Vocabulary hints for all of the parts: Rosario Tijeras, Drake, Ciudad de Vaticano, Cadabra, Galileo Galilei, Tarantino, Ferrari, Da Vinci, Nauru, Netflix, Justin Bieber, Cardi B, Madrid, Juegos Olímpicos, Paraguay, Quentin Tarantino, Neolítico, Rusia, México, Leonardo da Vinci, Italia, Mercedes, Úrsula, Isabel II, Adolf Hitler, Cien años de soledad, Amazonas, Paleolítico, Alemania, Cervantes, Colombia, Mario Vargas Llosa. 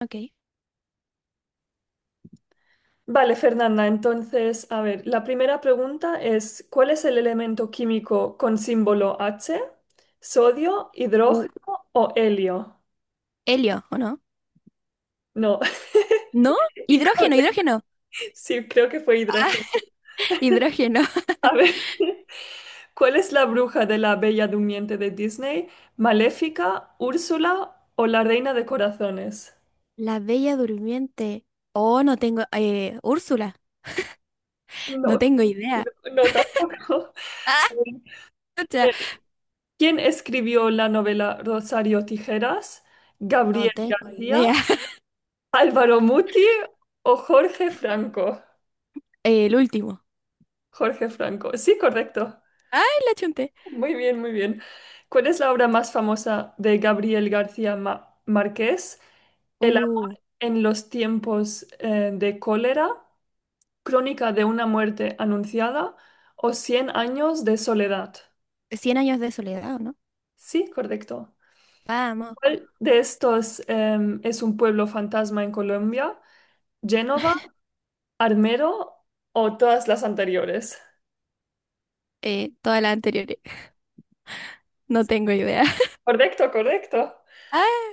Ok. Vale, Fernanda, entonces, a ver, la primera pregunta es, ¿cuál es el elemento químico con símbolo H? ¿Sodio, U- hidrógeno o helio? helio, ¿o no? No, ¿No? Hidrógeno, incorrecto. hidrógeno. Sí, creo que fue Ah, hidrógeno. hidrógeno. A ver, ¿cuál es la bruja de la Bella Durmiente de Disney? ¿Maléfica, Úrsula o la Reina de Corazones? La Bella Durmiente. Oh, no tengo. Úrsula. No No, tengo no, idea. no, tampoco. Ah, A chucha. ver, ¿quién escribió la novela Rosario Tijeras? No ¿Gabriel tengo García? idea. Álvaro Muti o Jorge Franco. El último. Jorge Franco. Sí, correcto. Ay, la chunté. Muy bien, muy bien. ¿Cuál es la obra más famosa de Gabriel García Márquez? El amor Uh, en los tiempos de cólera, Crónica de una muerte anunciada o Cien años de soledad. Cien años de soledad, ¿o no? Sí, correcto. Vamos. ¿Cuál de estos es un pueblo fantasma en Colombia? ¿Génova, Armero o todas las anteriores? Todas las anteriores. No tengo idea. Correcto, correcto. Ah,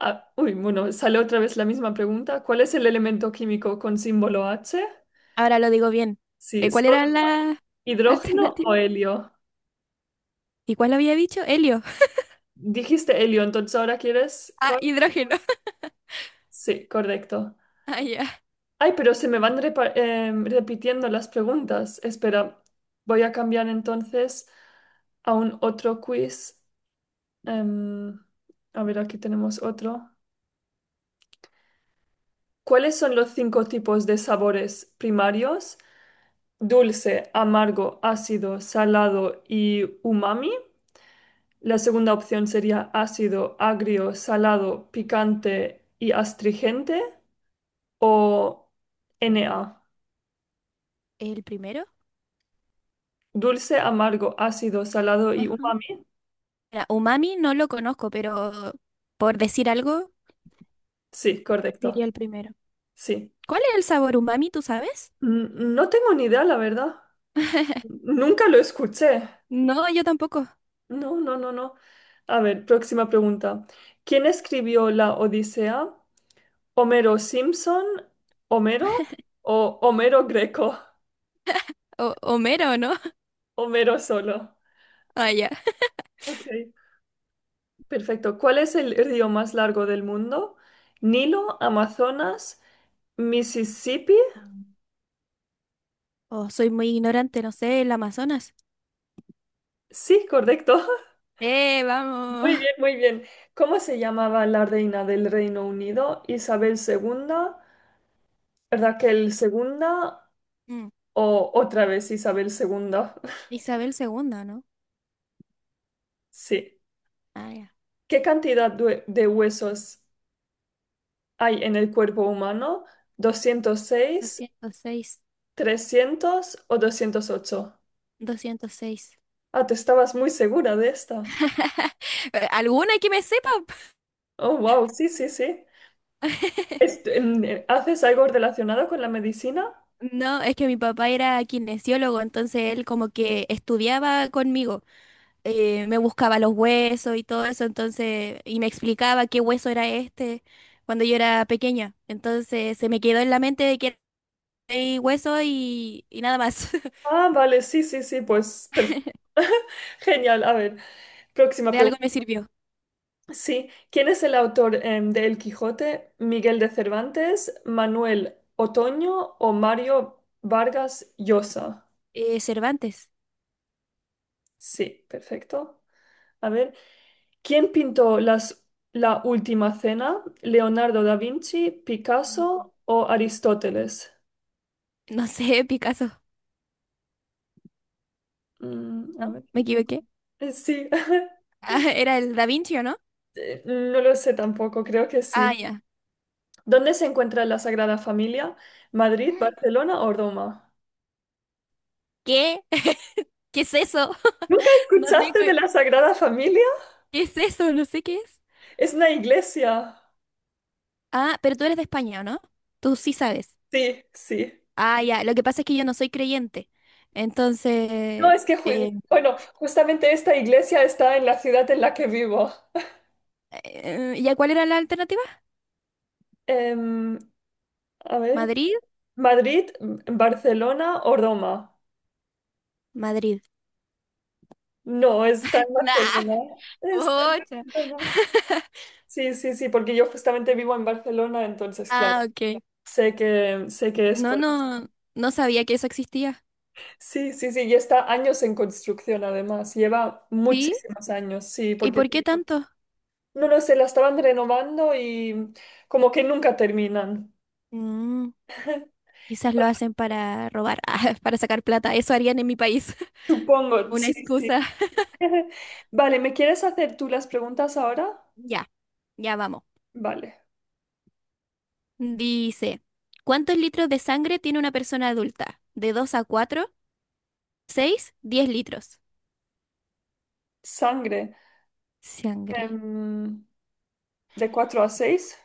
Ah, uy, bueno, sale otra vez la misma pregunta. ¿Cuál es el elemento químico con símbolo H? ahora lo digo bien. Sí, ¿Cuál era la hidrógeno o alternativa? helio? ¿Y cuál había dicho? Helio. Dijiste helio, entonces ¿ahora quieres Ah, cuál? hidrógeno. Sí, correcto. Ah, ya. Ay, pero se me van repitiendo las preguntas. Espera, voy a cambiar entonces a un otro quiz. Em, a ver, aquí tenemos otro. ¿Cuáles son los cinco tipos de sabores primarios? Dulce, amargo, ácido, salado y umami. La segunda opción sería ácido, agrio, salado, picante y astringente o NA. ¿El primero? Dulce, amargo, ácido, salado y Ajá. umami. Mira, Umami no lo conozco, pero por decir algo, Sí, correcto. diría el primero. Sí. ¿Cuál es el sabor umami, tú sabes? N- No tengo ni idea, la verdad. Nunca lo escuché. No, yo tampoco. No, no, no, no. A ver, próxima pregunta. ¿Quién escribió la Odisea? ¿Homero Simpson, Homero o Homero Greco? O Homero, ¿no? Homero solo. Ah, ya. Ok, perfecto. ¿Cuál es el río más largo del mundo? Nilo, Amazonas, Mississippi. Mm. Oh, soy muy ignorante, no sé, el Amazonas. Sí, correcto. ¡Eh, vamos! Muy bien, muy bien. ¿Cómo se llamaba la reina del Reino Unido? ¿Isabel II, Raquel segunda Mm, o otra vez Isabel segunda? Isabel segunda, ¿no? Sí. Ah, ya. ¿Qué cantidad de huesos hay en el cuerpo humano? 206. 206. 300 o 208. 206. Ah, tú estabas muy segura de esta. ¿Alguna que me sepa? Oh, wow, sí, sí, sí. ¿Haces algo relacionado con la medicina? No, es que mi papá era kinesiólogo, entonces él como que estudiaba conmigo. Me buscaba los huesos y todo eso, entonces, y me explicaba qué hueso era este cuando yo era pequeña. Entonces se me quedó en la mente de que hay hueso y nada más. Ah, vale, sí, sí, sí, pues perfecto. Genial, a ver, próxima De algo pregunta. me sirvió. Sí, ¿quién es el autor de El Quijote? ¿Miguel de Cervantes, Manuel Otoño o Mario Vargas Llosa? Cervantes. Sí, perfecto. A ver. ¿Quién pintó la última cena? ¿Leonardo da Vinci, Mm. Picasso o Aristóteles? No sé, Picasso. Mm, a ¿No? ver. ¿Me equivoqué? Sí. Ah, era el Da Vinci, ¿o no? No lo sé tampoco, creo que Ah, sí. ya. ¿Dónde se encuentra la Sagrada Familia? ¿Madrid, Mm. Barcelona o Roma? ¿Qué? ¿Qué es eso? ¿Nunca No escuchaste de tengo. la Sagrada Familia? ¿Qué es eso? No sé qué es. Es una iglesia. Ah, pero tú eres de España, ¿o no? Tú sí sabes. Sí, sí. Ah, ya, lo que pasa es que yo no soy creyente. No, Entonces, es que, eh, bueno, justamente esta iglesia está en la ciudad en la que vivo. ¿Ya cuál era la alternativa? Em, a ver. ¿Madrid? Madrid, Barcelona o Roma. Madrid. No, está en Nah, Barcelona. Está en pucha. Barcelona. Sí, sí, sí, porque yo justamente vivo en Barcelona, entonces, claro, Ah, ok. Sé que es No, por... no, no sabía que eso existía. Sí, sí, sí, y está años en construcción además, lleva ¿Sí? muchísimos años, sí, ¿Y porque por qué tanto? no lo sé, la estaban renovando y como que nunca terminan. Mm, Quizás lo hacen para robar, ah, para sacar plata. Eso harían en mi país. Supongo, Una sí, sí. excusa. Vale, ¿me quieres hacer tú las preguntas ahora? Ya, ya vamos. Vale. Dice, ¿cuántos litros de sangre tiene una persona adulta? ¿De 2 a 4, 6, 10 litros? Sangre. Sangre. em, de 4 a 6.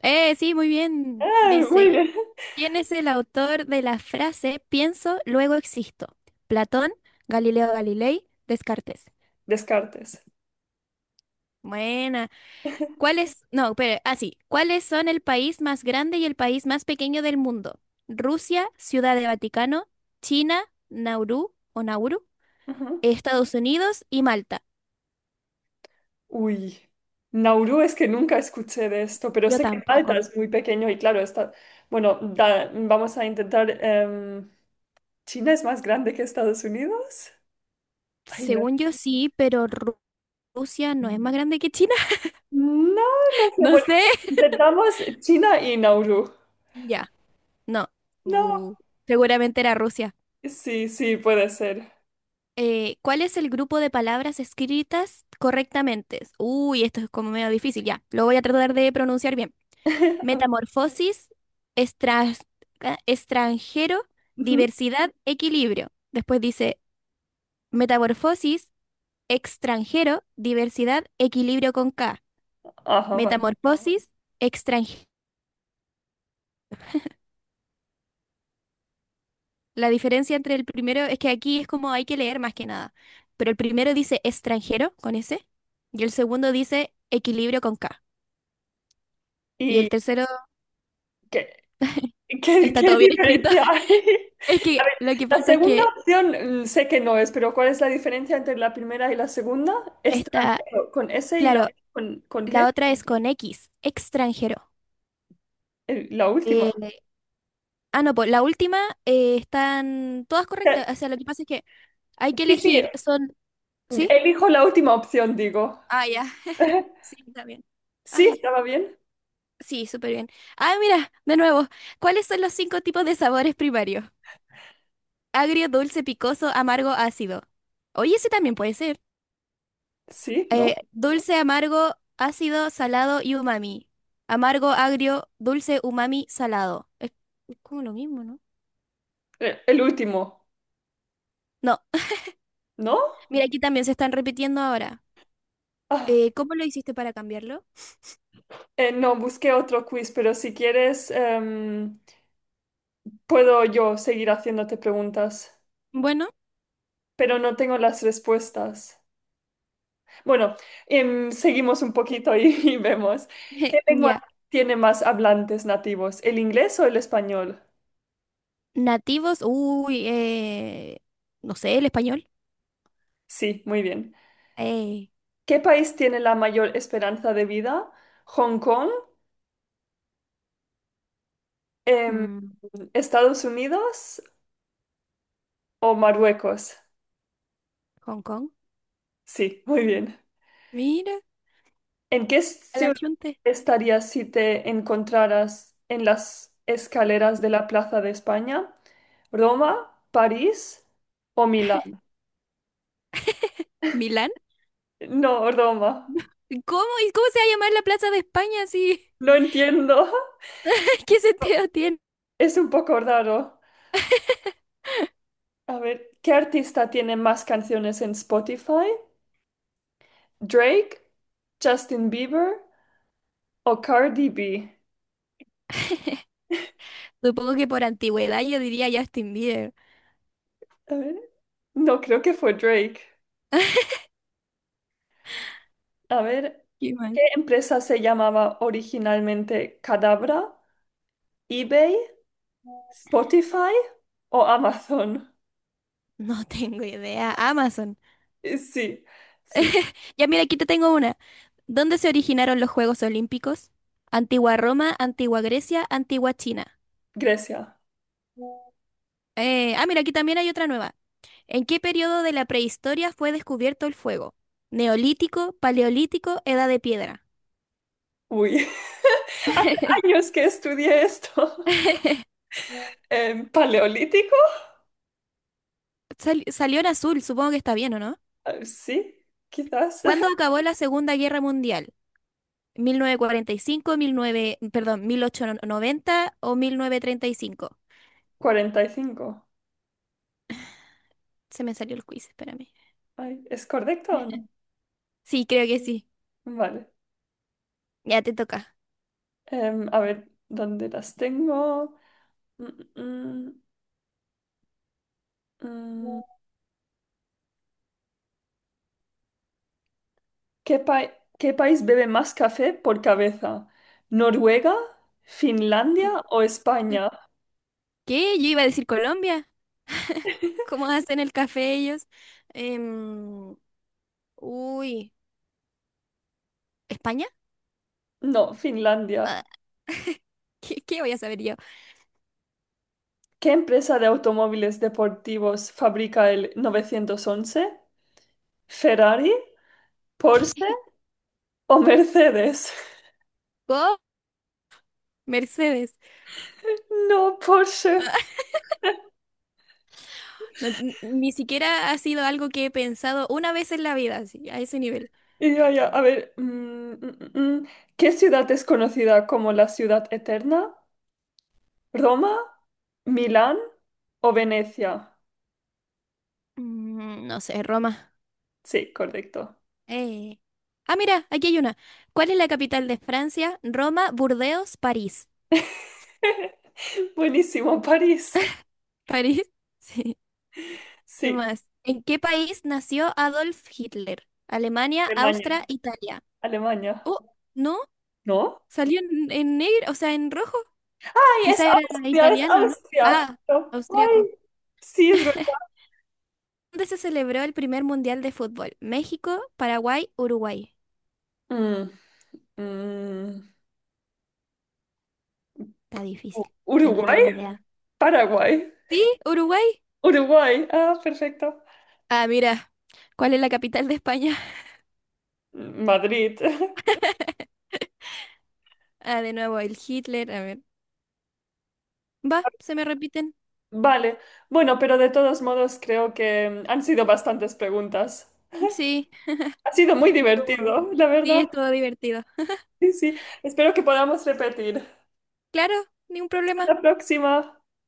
Sí, muy bien. Ah, muy Dice, bien. ¿quién es el autor de la frase pienso, luego existo? Platón, Galileo Galilei, Descartes. Descartes. Buena. ¿Cuál es? No, pero así. ¿Cuáles son el país más grande y el país más pequeño del mundo? Rusia, Ciudad de Vaticano, China, Nauru o Nauru, Ajá. Estados Unidos y Malta. Uy. Nauru es que nunca escuché de esto, pero Yo sé que Malta tampoco. es muy pequeño y claro, está... Bueno, vamos a intentar... ¿China es más grande que Estados Unidos? Ay, no. Según yo sí, pero Rusia no es más grande que China. No, no sé. No Bueno, sé. intentamos China y Nauru. Ya. No. No. Bu. Seguramente era Rusia. Sí, sí, puede ser. ¿Cuál es el grupo de palabras escritas correctamente? Uy, esto es como medio difícil, ya. Lo voy a tratar de pronunciar bien. Metamorfosis, estras- extranjero, Ujú. diversidad, equilibrio. Después dice metamorfosis, extranjero, diversidad, equilibrio con K. Ajá, vale. Metamorfosis, extranjero. La diferencia entre el primero es que aquí es como hay que leer más que nada. Pero el primero dice extranjero con S y el segundo dice equilibrio con K. Y el ¿Y tercero. qué? ¿Qué, Está qué todo bien escrito. diferencia hay? Es que A ver, lo que la pasa es segunda que opción sé que no es, pero ¿cuál es la diferencia entre la primera y la segunda? Es está, transgénero, con S y la claro, ¿con la qué? otra es con X, extranjero. La última. O Eh, ah, no, pues la última están todas correctas. O sea, lo que pasa es que hay que sí, sí, elegir, son, ¿sí? elijo la última opción, digo. Ah, ya, sí, está bien. Sí, Ay, estaba bien. sí, súper bien. Ah, mira, de nuevo, ¿cuáles son los cinco tipos de sabores primarios? Agrio, dulce, picoso, amargo, ácido. Oye, ese también puede ser. Sí, ¿no? Dulce, amargo, ácido, salado y umami. Amargo, agrio, dulce, umami, salado. Es como lo mismo, ¿no? El último, No, ¿no? mira, aquí también se están repitiendo ahora. Ah, ¿Cómo lo hiciste para cambiarlo? No, busqué otro quiz, pero si quieres, puedo yo seguir haciéndote preguntas, Bueno, pero no tengo las respuestas. Bueno, seguimos un poquito y y vemos. ¿Qué lengua ya. tiene más hablantes nativos, el inglés o el español? Nativos, uy, no sé, el español. Sí, muy bien. Eh, ¿Qué país tiene la mayor esperanza de vida? ¿Hong Kong, em, mm, Estados Unidos o Marruecos? Hong Kong. Sí, muy bien. Mira, ¿En qué a la ciudad chunte. estarías si te encontraras en las escaleras de la Plaza de España? ¿Roma, París o Milán? ¿Milán? No, Roma. ¿Cómo? ¿Y cómo se va a llamar la Plaza de España si... No entiendo. ¿Qué sentido tiene? Es un poco raro. A ver, ¿qué artista tiene más canciones en Spotify? ¿Drake, Justin Bieber o Cardi B? Supongo que por antigüedad yo diría Justin Bieber. A ver, no creo que fue Drake. A ver, ¿Qué más? ¿qué empresa se llamaba originalmente Cadabra? ¿eBay, Spotify o Amazon? No tengo idea. Amazon. Sí, sí, Ya mira, aquí te tengo una. ¿Dónde se originaron los Juegos Olímpicos? Antigua Roma, Antigua Grecia, Antigua China. Grecia. Ah, mira, aquí también hay otra nueva. ¿En qué periodo de la prehistoria fue descubierto el fuego? Neolítico, Paleolítico, Edad de Piedra. Uy, hace años que estudié esto. ¿Paleolítico? Salió en azul, supongo que está bien, ¿o no? Sí, quizás. ¿Cuándo acabó la Segunda Guerra Mundial? 1945, mil nueve, perdón, 1890 o 1935. 45. Se me salió el quiz, espérame. Ay, ¿es correcto o no? Sí, creo que sí. Vale. Ya te toca. Em, a ver, ¿dónde las tengo? Mm, mm, mm. mm. ¿Qué qué país bebe más café por cabeza? ¿Noruega, Finlandia Col- o España? ¿Qué? Yo iba a decir Colombia. ¿Cómo hacen el café ellos? Em, Uy, ¿España? No, Ah, Finlandia. ¿qué voy a saber yo? ¿Qué empresa de automóviles deportivos fabrica el 911? ¿Ferrari, Porsche ¿Qué? o Mercedes? ¿Go? Mercedes. No, Porsche. Ni siquiera ha sido algo que he pensado una vez en la vida, así, a ese nivel. Y ya ya, a ver, mm, mm, ¿qué ciudad es conocida como la ciudad eterna? ¿Roma, Milán o Venecia? No sé, Roma. Sí, correcto. Eh. Ah, mira, aquí hay una. ¿Cuál es la capital de Francia? Roma, Burdeos, París. Buenísimo, París. ¿París? Sí. ¿Qué Sí, más? ¿En qué país nació Adolf Hitler? Alemania, Austria, Alemania. Italia. Alemania. Oh, no, ¿No? salió en negro, o sea, en rojo. ¡Ay, es Quizá era Austria, es italiano, ¿no? Austria! Ah, Claro. austriaco. ¡Ay! Sí, es verdad. ¿Dónde se celebró el primer mundial de fútbol? México, Paraguay, Uruguay. Mm, mm. Está difícil. Yo no ¿Uruguay? tengo idea. Paraguay. ¿Sí? ¿Uruguay? Uruguay. Ah, perfecto. Ah, mira, ¿cuál es la capital de España? Mm, Madrid. Ah, de nuevo, el Hitler. A ver. Va, se me repiten. Vale, bueno, pero de todos modos creo que han sido bastantes preguntas. Sí, Ha sido muy estuvo. divertido, la Sí, verdad. estuvo divertido. Sí, sí. Espero que podamos repetir. Claro, ningún Hasta problema. la próxima.